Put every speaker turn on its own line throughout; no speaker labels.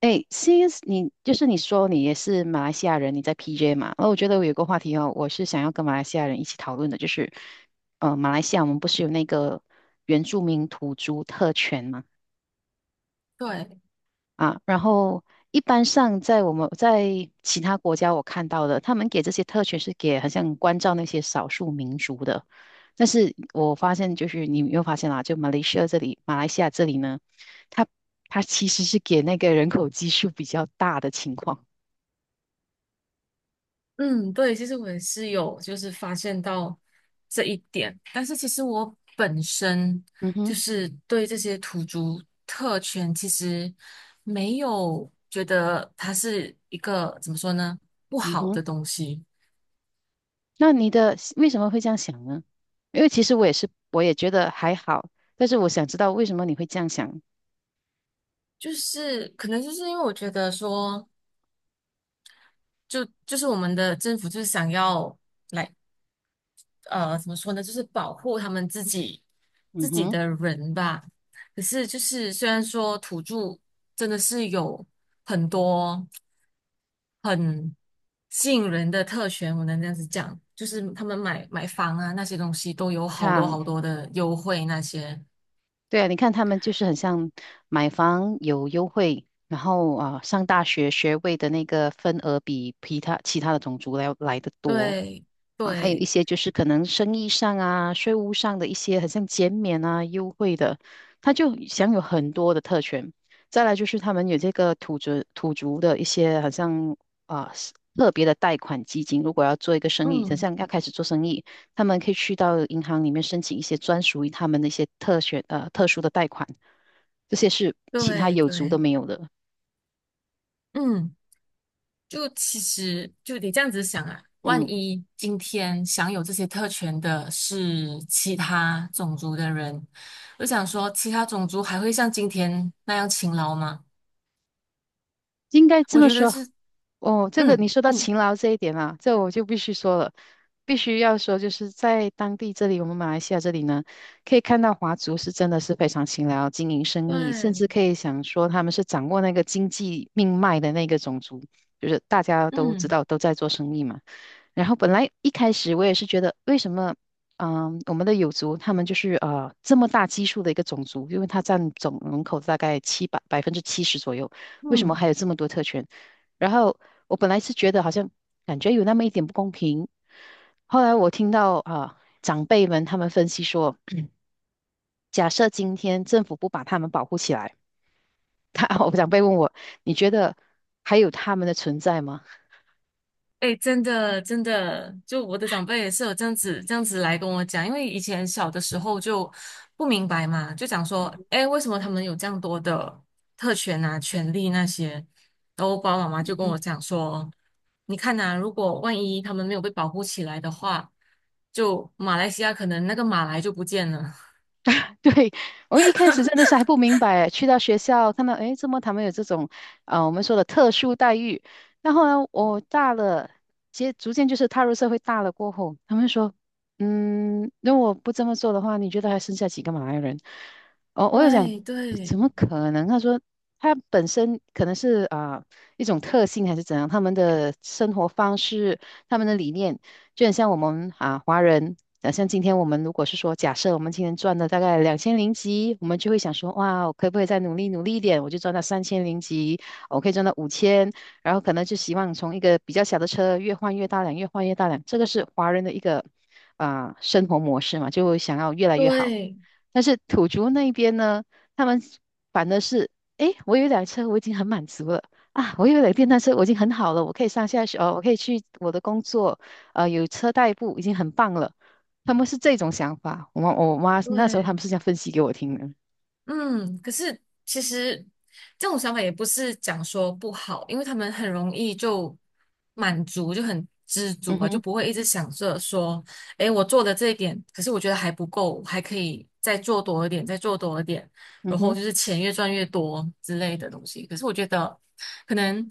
哎，since 你就是你说你也是马来西亚人，你在 PJ 嘛？那我觉得我有个话题哦，我是想要跟马来西亚人一起讨论的，就是马来西亚我们不是有那个原住民土著特权嘛？
对，
啊，然后一般上在我们在其他国家我看到的，他们给这些特权是给好像关照那些少数民族的，但是我发现就是你有没有发现啦，就马来西亚这里，马来西亚这里呢，它它其实是给那个人口基数比较大的情况。
嗯，对，其实我也是有就是发现到这一点，但是其实我本身
嗯哼，
就是对这些土著特权其实没有觉得它是一个怎么说呢不
嗯
好
哼，
的东西，
那你的为什么会这样想呢？因为其实我也是，我也觉得还好，但是我想知道为什么你会这样想。
就是可能就是因为我觉得说，就是我们的政府就是想要。来。怎么说呢，就是保护他们自己
嗯
自己
哼，
的人吧。可是就是虽然说土著真的是有很多很吸引人的特权，我能这样子讲，就是他们买房啊那些东西都有
看
好多
啊
好多的优惠那些。
对啊，你看他们就是很像买房有优惠，然后啊，上大学学位的那个份额比其他的种族来的多。
对
啊，还有一
对，
些就是可能生意上啊、税务上的一些，很像减免啊、优惠的，他就享有很多的特权。再来就是他们有这个土族的一些，好像啊、特别的贷款基金，如果要做一个生意，想
嗯，
像要开始做生意，他们可以去到银行里面申请一些专属于他们的一些特选特殊的贷款，这些是其他
对
有族都
对，
没有的。
嗯。就其实就得这样子想啊，万
嗯，
一今天享有这些特权的是其他种族的人，我就想说，其他种族还会像今天那样勤劳吗？
应该这
我
么
觉得
说
是，
哦，这个
嗯
你说到
嗯
勤劳这一点啊，这我就必须说了，必须要说，就是在当地这里，我们马来西亚这里呢，可以看到华族是真的是非常勤劳，经营生意，甚
对。
至可以想说他们是掌握那个经济命脉的那个种族，就是大家都知
嗯
道都在做生意嘛。然后本来一开始我也是觉得，为什么，嗯，我们的友族他们就是这么大基数的一个种族，因为它占总人口大概七百百分之七十左右，为什么还
嗯。
有这么多特权？然后我本来是觉得好像感觉有那么一点不公平，后来我听到啊、长辈们他们分析说，假设今天政府不把他们保护起来，他 我长辈问我，你觉得还有他们的存在吗？
哎，真的，真的，就我的长辈也是有这样子来跟我讲，因为以前小的时候就不明白嘛，就讲说，哎，为什么他们有这样多的特权啊、权利那些？然后我爸爸妈妈就跟我讲说，你看呐、如果万一他们没有被保护起来的话，就马来西亚可能那个马来就不见了。
对，我一开始真的是还不明白，去到学校看到，诶，怎么他们有这种，啊，我们说的特殊待遇？然后呢，我大了，接逐渐就是踏入社会大了过后，他们说，嗯，如果不这么做的话，你觉得还剩下几个马来人？哦，我有讲，
对
怎
对
么可能？他说他本身可能是啊、一种特性还是怎样，他们的生活方式、他们的理念，就很像我们啊华人。啊，像今天我们如果是说，假设我们今天赚了大概两千零几，我们就会想说，哇，我可不可以再努力努力一点，我就赚到三千零几，我可以赚到五千，然后可能就希望从一个比较小的车越换越大辆，越换越大辆，这个是华人的一个啊、生活模式嘛，就想要越来越好。
对
但是土族那边呢，他们反的是，诶，我有一辆车，我已经很满足了啊，我有一辆电单车，我已经很好了，我可以上下学，哦，我可以去我的工作，有车代步，已经很棒了。他们是这种想法，我妈那时候他
对，
们是这样分析给我听的。
嗯，可是其实这种想法也不是讲说不好，因为他们很容易就满足，就很知足
嗯
吧，就
哼，
不会一直想着说，诶，我做的这一点，可是我觉得还不够，还可以再做多一点，再做多一点，
嗯
然后
哼，
就是钱越赚越多之类的东西。可是我觉得，可能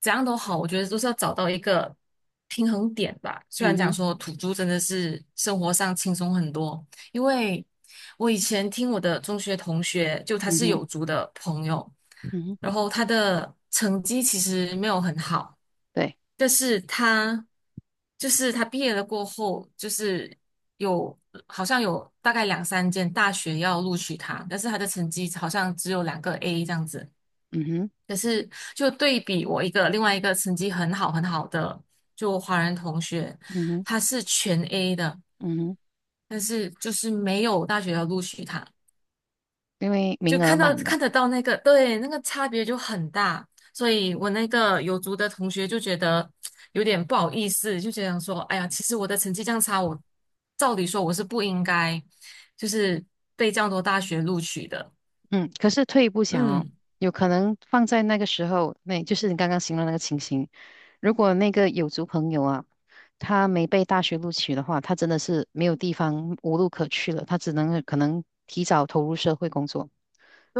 怎样都好，我觉得都是要找到一个平衡点吧。虽
嗯
然讲
哼，
说土著真的是生活上轻松很多。因为我以前听我的中学同学，就他
嗯
是
哼，
有族的朋友，
嗯哼，
然后他的成绩其实没有很好，
对，
但是他就是他毕业了过后，就是有好像有大概两三间大学要录取他，但是他的成绩好像只有两个 A 这样子。
嗯哼，
可是就对比我一个另外一个成绩很好很好的就华人同学，
嗯哼，
他是全 A 的，
嗯哼，
但是就是没有大学要录取他，
因为
就
名额
看到
满
看
了。
得到那个对那个差别就很大，所以我那个有族的同学就觉得有点不好意思，就觉得说，哎呀，其实我的成绩这样差，我照理说我是不应该就是被这样多大学录取的，
嗯，可是退一步想哦，
嗯，
有可能放在那个时候，那就是你刚刚形容那个情形，如果那个有族朋友啊，他没被大学录取的话，他真的是没有地方无路可去了，他只能可能提早投入社会工作。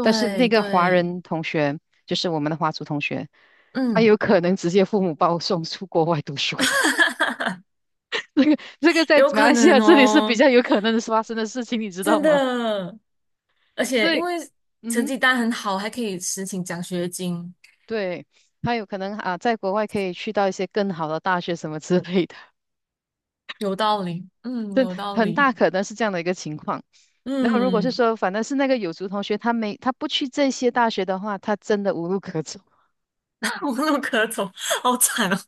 但是那个华
对，
人同学，就是我们的华族同学，他
嗯。
有可能直接父母把我送出国外读书，这个在
有
马
可
来西亚
能
这里是比
哦，
较有可能是发生的事情，你知道
真
吗？
的。而且
所
因
以，
为
嗯
成
哼。
绩单很好，还可以申请奖学金，
对，他有可能啊，在国外可以去到一些更好的大学什么之类的，
有道理。嗯，有道
很
理。
大可能是这样的一个情况。然后如果是
嗯，
说，反正是那个有族同学，他没他不去这些大学的话，他真的无路可走。
无路可走，好惨哦。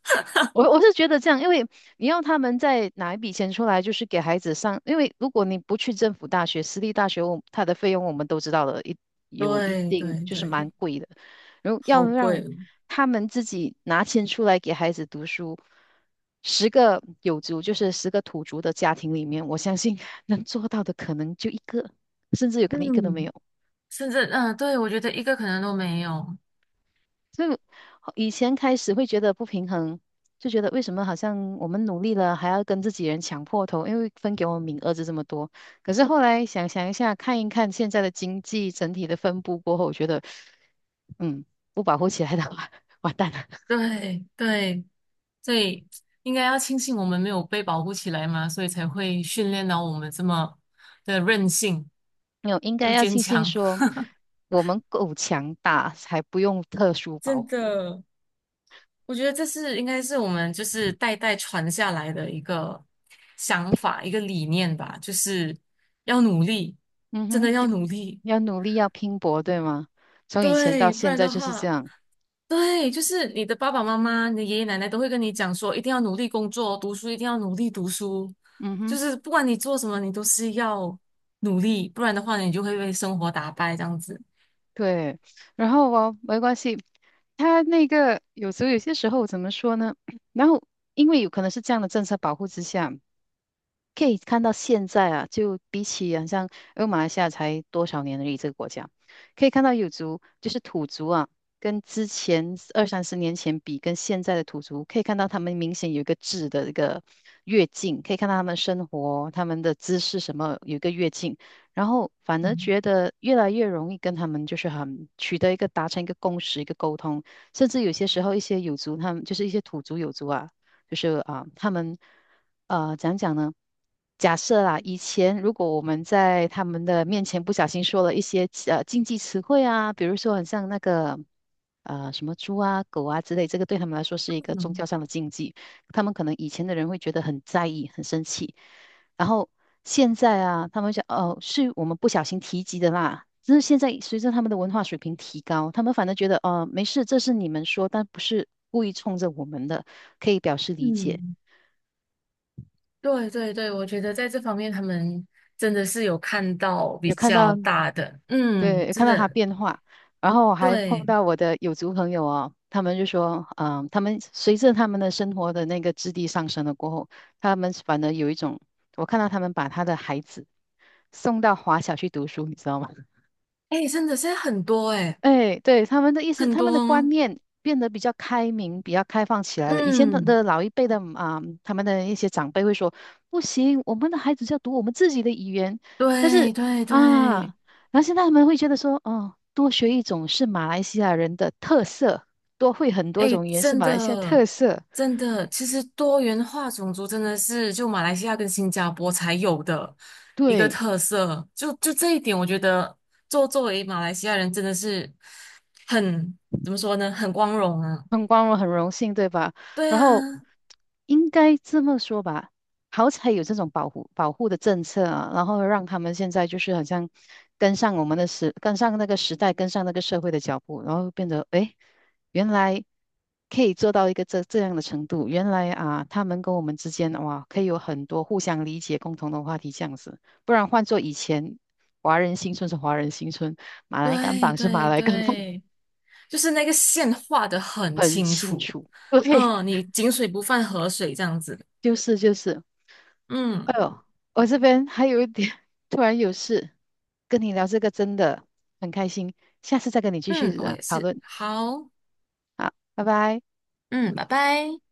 我是觉得这样，因为你要他们再拿一笔钱出来，就是给孩子上，因为如果你不去政府大学、私立大学，我它的费用我们都知道了，一有一
对
定
对
就是
对，
蛮贵的。然后要
好贵
让
哦。
他们自己拿钱出来给孩子读书，十个有族就是十个土族的家庭里面，我相信 能做到的可能就一个，甚至有可能一个都没
嗯，
有。
甚至对，我觉得一个可能都没有。
所以以前开始会觉得不平衡，就觉得为什么好像我们努力了，还要跟自己人抢破头，因为分给我们名额就这么多。可是后来想想一下，看一看现在的经济整体的分布过后，我觉得，嗯，不保护起来的话，完蛋了。
对对，所以应该要庆幸我们没有被保护起来嘛，所以才会训练到我们这么的韧性，
没有，应该
又
要
坚
庆幸
强。
说 我们够强大，才不用特殊保
真
护。
的。我觉得这是应该是我们就是代代传下来的一个想法，一个理念吧，就是要努力，
嗯
真
哼，
的要
要
努力，
要努力，要拼搏，对吗？从以前到
对，不
现
然
在
的
就是这
话，
样。
对，就是你的爸爸妈妈、你的爷爷奶奶都会跟你讲说，一定要努力工作，读书一定要努力读书，
嗯
就
哼。
是不管你做什么，你都是要努力，不然的话，你就会被生活打败这样子。
对，然后哦，没关系，他那个有时候有些时候怎么说呢？然后因为有可能是这样的政策保护之下。可以看到现在啊，就比起好像因为马来西亚才多少年而已，这个国家可以看到有族就是土族啊，跟之前二三十年前比，跟现在的土族可以看到他们明显有一个质的一个跃进，可以看到他们生活、他们的姿势什么有一个跃进，然后反而
嗯
觉得越来越容易跟他们就是很取得一个达成一个共识、一个沟通，甚至有些时候一些有族他们就是一些土族有族啊。就是啊、他们讲讲呢？假设啦，以前如果我们在他们的面前不小心说了一些禁忌词汇啊，比如说很像那个什么猪啊、狗啊之类，这个对他们来说是一个宗
嗯。
教上的禁忌，他们可能以前的人会觉得很在意、很生气。然后现在啊，他们想哦，是我们不小心提及的啦。但是现在随着他们的文化水平提高，他们反而觉得哦，没事，这是你们说，但不是故意冲着我们的，可以表示理解。
嗯。对对对，我觉得在这方面他们真的是有看到比
有看
较
到，
大的，嗯，
对，有
真
看到他
的
变化。然后我还碰
对，
到我的有族朋友哦，他们就说，嗯，他们随着他们的生活的那个质地上升了过后，他们反而有一种，我看到他们把他的孩子送到华小去读书，你知道吗？
哎，真的是很多哎，
哎，对，他们的意思，
很
他们的观
多，
念变得比较开明、比较开放起来了。以前的
嗯，
的老一辈的啊、他们的一些长辈会说，不行，我们的孩子就要读我们自己的语言。但是
对对
啊，
对，
然后现在他们会觉得说，哦，多学一种是马来西亚人的特色，多会很多
哎，
种语言是
真
马来西亚
的
特色。
真的，其实多元化种族真的是就马来西亚跟新加坡才有的一个
对。
特色，就这一点，我觉得作为马来西亚人真的是很怎么说呢，很光荣啊，
很光荣，很荣幸，对吧？
对
然后
啊。
应该这么说吧，好彩有这种保护的政策啊，然后让他们现在就是好像跟上我们的时，跟上那个时代，跟上那个社会的脚步，然后变得诶，原来可以做到一个这样的程度，原来啊，他们跟我们之间哇，可以有很多互相理解、共同的话题这样子，不然换做以前，华人新村是华人新村，马来甘
对
榜是马
对
来甘榜，
对，就是那个线画的 很
很
清
清
楚，
楚，对。
嗯，你井水不犯河水这样子，
就是就是，
嗯
哎呦，我这边还有一点 突然有事，跟你聊这个真的很开心，下次再跟你继
嗯，
续
我
啊
也
讨
是，
论，
好，
好，拜拜。
嗯，拜拜。